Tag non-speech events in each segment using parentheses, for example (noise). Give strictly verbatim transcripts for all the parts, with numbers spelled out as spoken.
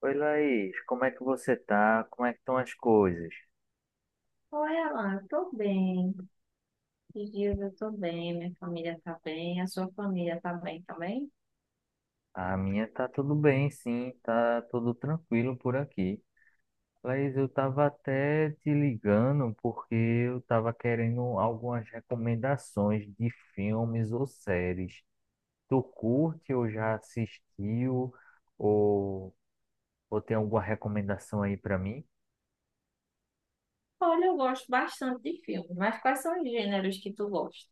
Oi, Laís, como é que você tá? Como é que estão as coisas? Oi, Alan, tô bem. Esses dias eu tô bem, minha família tá bem, a sua família tá bem também? A minha tá tudo bem, sim, tá tudo tranquilo por aqui. Laís, eu tava até te ligando porque eu tava querendo algumas recomendações de filmes ou séries. Tu curte ou já assistiu ou, ou tem alguma recomendação aí pra mim? Olha, eu gosto bastante de filmes, mas quais são os gêneros que tu gosta?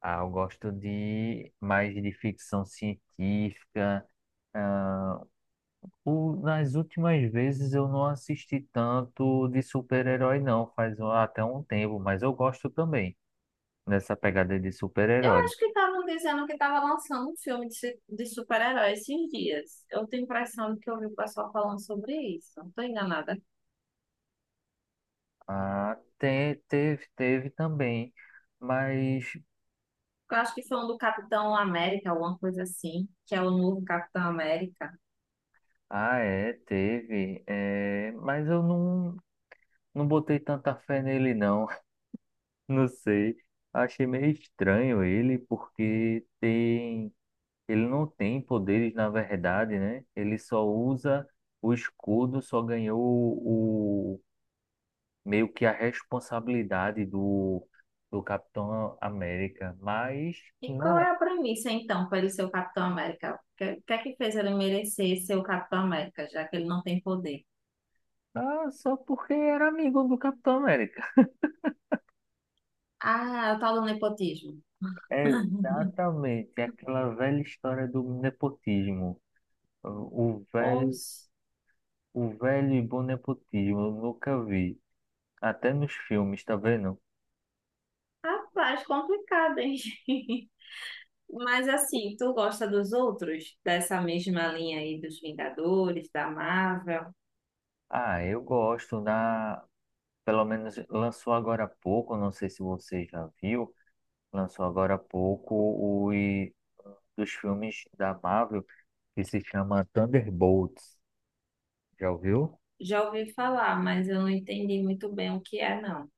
Ah, eu gosto de mais de ficção científica. O- nas últimas vezes eu não assisti tanto de super-herói, não, faz um- até um tempo, mas eu gosto também dessa pegada de Eu super-herói. acho que estavam dizendo que estava lançando um filme de, su- de super-herói esses dias. Eu tenho a impressão de que eu vi o pessoal falando sobre isso, não tô enganada. Ah, te- teve, teve também, mas. Eu acho que foi um do Capitão América, alguma coisa assim, que é o novo Capitão América. Ah, é, teve, é, mas eu não, não botei tanta fé nele, não, (laughs) não sei. Achei meio estranho ele, porque tem. Ele não tem poderes, na verdade, né? Ele só usa o escudo, só ganhou o, o- meio que a responsabilidade do, do Capitão América, mas E qual não é é, a premissa, então, para ele ser o Capitão América? O que, o que é que fez ele merecer ser o Capitão América, já que ele não tem poder? ah, só porque era amigo do Capitão América. Ah, o tal do nepotismo. (laughs) Exatamente, aquela velha história do nepotismo. O velho, Poxa, o velho e bom nepotismo, eu nunca vi. Até nos filmes, tá vendo? rapaz, complicado, hein? (laughs) Mas assim, tu gosta dos outros? Dessa mesma linha aí dos Vingadores, da Marvel? Ah, eu gosto da, pelo menos lançou agora há pouco, não sei se você já viu, lançou agora há pouco os dos filmes da Marvel que se chama Thunderbolts. Já ouviu? Já ouvi falar, mas eu não entendi muito bem o que é, não.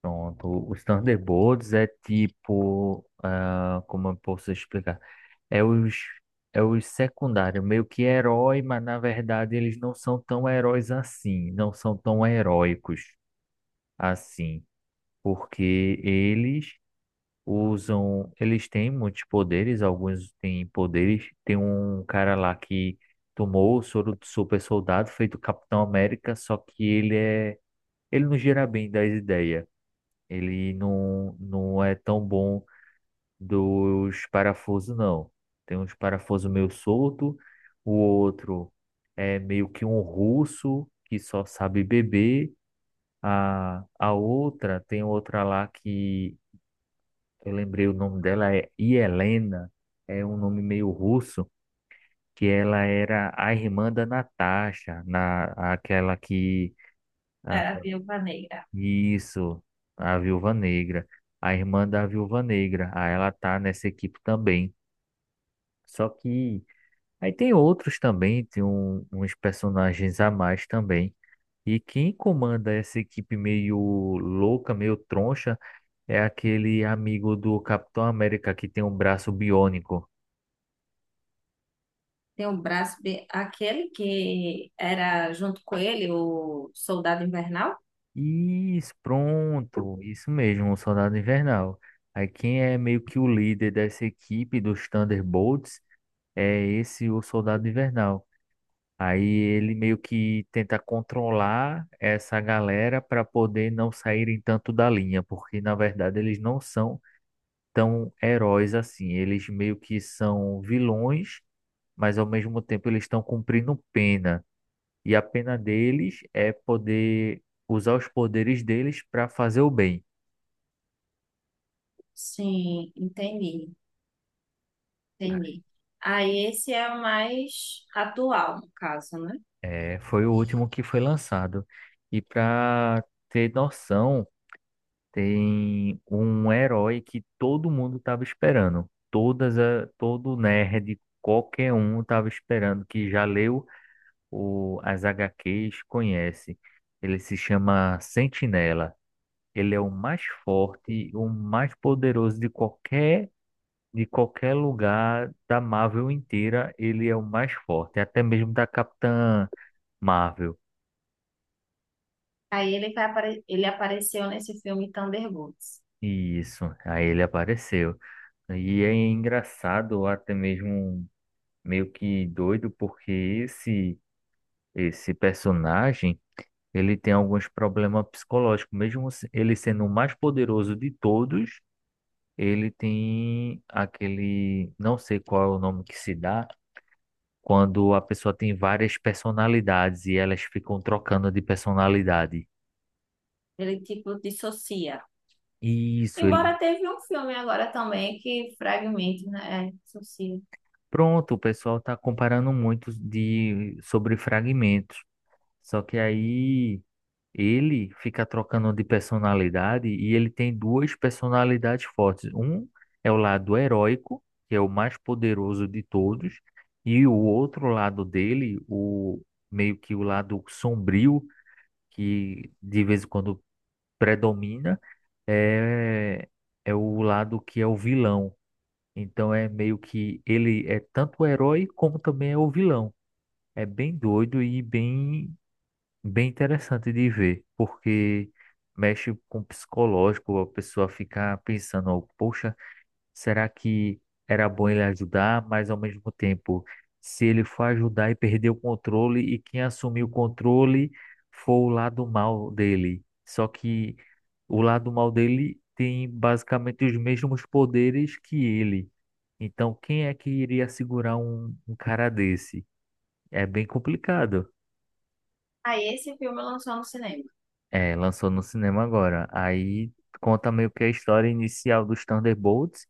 Pronto, os Thunderbolts é tipo, ah, como eu posso explicar? É os é os secundários, meio que herói, mas na verdade eles não são tão heróis assim, não são tão heróicos assim, porque eles usam, eles têm muitos poderes, alguns têm poderes. Tem um cara lá que tomou o soro do super soldado, feito Capitão América, só que ele é, ele não gira bem das ideias. Ele não, não é tão bom dos parafusos, não. Tem uns parafusos meio solto, o outro é meio que um russo que só sabe beber. A, a outra, tem outra lá que eu lembrei, o nome dela é Yelena, é um nome meio russo, que ela era a irmã da Natasha, na aquela que a- Era a Viúva Negra. isso, a Viúva Negra, a irmã da Viúva Negra. Aí ela tá nessa equipe também. Só que aí tem outros também, tem um- uns personagens a mais também. E quem comanda essa equipe meio louca, meio troncha, é aquele amigo do Capitão América que tem um braço biônico. Tem o braço, de- aquele que era junto com ele, o Soldado Invernal? Isso, pronto, isso mesmo, o Soldado Invernal. Aí quem é meio que o líder dessa equipe dos Thunderbolts é esse o Soldado Invernal. Aí ele meio que tenta controlar essa galera para poder não saírem tanto da linha, porque na verdade eles não são tão heróis assim. Eles meio que são vilões, mas ao mesmo tempo eles estão cumprindo pena. E a pena deles é poder usar os poderes deles para fazer o bem. Sim, entendi, entendi. Aí esse é o mais atual, no caso, né? É, foi o último que foi lançado. E para ter noção, tem um herói que todo mundo estava esperando. Todas a, todo nerd, qualquer um estava esperando, que já leu o, as agá quês, conhece. Ele se chama Sentinela. Ele é o mais forte, o mais poderoso de qualquer, de qualquer lugar da Marvel inteira. Ele é o mais forte, até mesmo da Capitã Marvel. Aí ele vai apare... ele apareceu nesse filme Thunderbolts. Isso, aí ele apareceu. E é engraçado, até mesmo meio que doido, porque esse esse personagem, ele tem alguns problemas psicológicos, mesmo se- ele sendo o mais poderoso de todos, ele tem aquele, não sei qual é o nome que se dá, quando a pessoa tem várias personalidades e elas ficam trocando de personalidade. Ele tipo dissocia. Isso, ele. Embora teve um filme agora também que fragmento, né? É, dissocia. Pronto, o pessoal está comparando muito de sobre fragmentos. Só que aí ele fica trocando de personalidade e ele tem duas personalidades fortes. Um é o lado heróico, que é o mais poderoso de todos, e o outro lado dele, o meio que o lado sombrio, que de vez em quando predomina, é, é o lado que é o vilão. Então é meio que ele é tanto o herói como também é o vilão. É bem doido e bem bem interessante de ver, porque mexe com o psicológico, a pessoa fica pensando, ó, poxa, será que era bom ele ajudar, mas ao mesmo tempo, se ele for ajudar e perder o controle, e quem assumir o controle for o lado mal dele. Só que o lado mal dele tem basicamente os mesmos poderes que ele. Então, quem é que iria segurar um, um cara desse? É bem complicado. Aí esse filme lançou no cinema. É, lançou no cinema agora. Aí conta meio que a história inicial dos Thunderbolts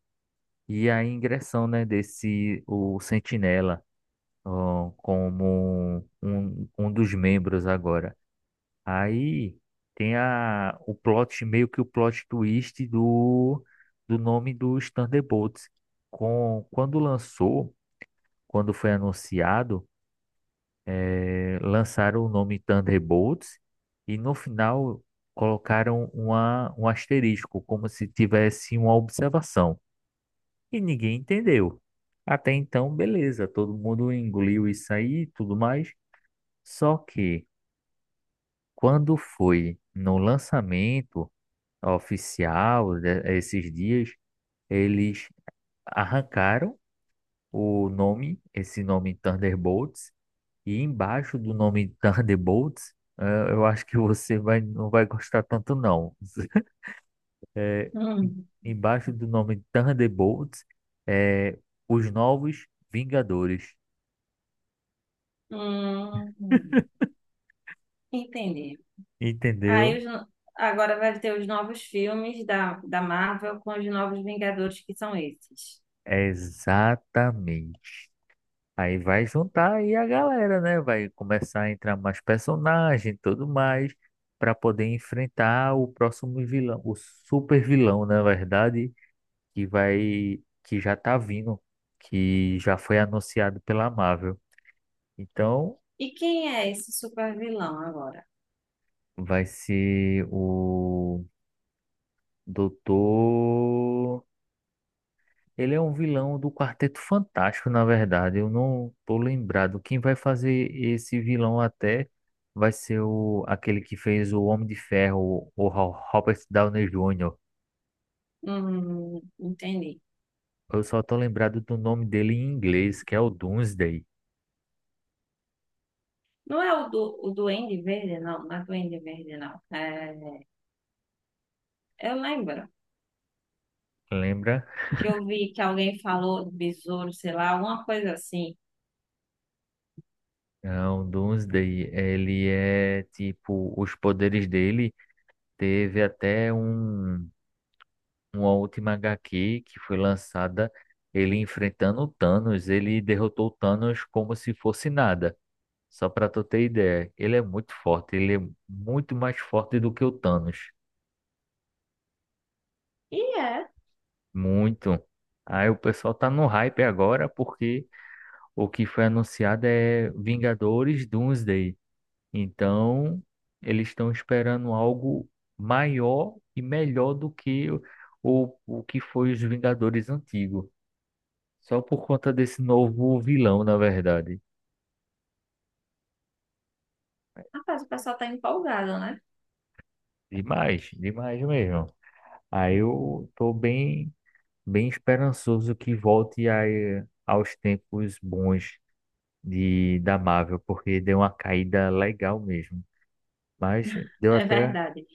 e a ingressão, né, desse o Sentinela, ó, como um, um um dos membros agora. Aí tem a, o plot, meio que o plot twist do, do nome dos Thunderbolts. Com, quando lançou, quando foi anunciado, eh, lançaram o nome Thunderbolts e no final colocaram uma, um asterisco, como se tivesse uma observação. E ninguém entendeu. Até então, beleza, todo mundo engoliu isso aí e tudo mais. Só que quando foi no lançamento oficial, de- esses dias, eles arrancaram o nome, esse nome Thunderbolts. E embaixo do nome Thunderbolts, eh, eu acho que você vai, não vai gostar tanto, não. (laughs) Eh, em- Hum, embaixo do nome Thunderbolts, é os novos Vingadores. hum, hum. Entendi. Aí Entendeu? os no- agora vai ter os novos filmes da, da Marvel com os novos Vingadores, que são esses. É. Exatamente. Aí vai juntar aí a galera, né? Vai começar a entrar mais personagem e tudo mais para poder enfrentar o próximo vilão, o super vilão, na verdade, que vai, que já tá vindo, que já foi anunciado pela Marvel. Então, E quem é esse super vilão agora? vai ser o Doutor. Ele é um vilão do Quarteto Fantástico, na verdade. Eu não tô lembrado. Quem vai fazer esse vilão até vai ser o aquele que fez o Homem de Ferro, o Ro- Robert Downey júnior Hum, entendi. Eu só tô lembrado do nome dele em inglês, que é o Doomsday. Não é o, do, o Duende Verde, não. Não é Duende Verde, não. É, eu lembro Lembra? que eu vi que alguém falou do besouro, sei lá, alguma coisa assim. Não, Doomsday, ele é tipo, os poderes dele, teve até um, uma última agá quê que foi lançada, ele enfrentando o Thanos, ele derrotou o Thanos como se fosse nada. Só pra tu ter ideia, ele é muito forte, ele é muito mais forte do que o Thanos, E é. muito. Aí o pessoal tá no hype agora porque o que foi anunciado é Vingadores Doomsday. Então, eles estão esperando algo maior e melhor do que o, o, o que foi os Vingadores antigos. Só por conta desse novo vilão, na verdade. Rapaz, o pessoal tá empolgado, né? Demais, demais mesmo. Aí eu tô bem, bem esperançoso que volte a, eh, aos tempos bons de, da Marvel, porque deu uma caída legal mesmo. Mas deu É até. verdade.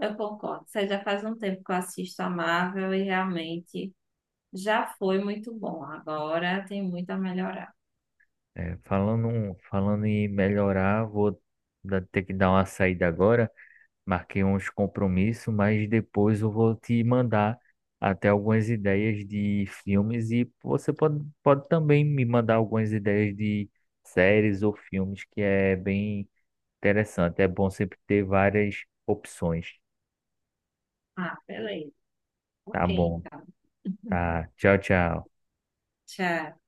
Eu concordo. Você já faz um tempo que eu assisto a Marvel e realmente já foi muito bom. Agora tem muito a melhorar. É, falando, um, falando em melhorar, vou dar- ter que dar uma saída agora. Marquei uns compromissos, mas depois eu vou te mandar até algumas ideias de filmes e você pode, pode também me mandar algumas ideias de séries ou filmes, que é bem interessante. É bom sempre ter várias opções. Ah, beleza. Ok, Tá bom. então. Tá. Tchau, tchau. Tchau.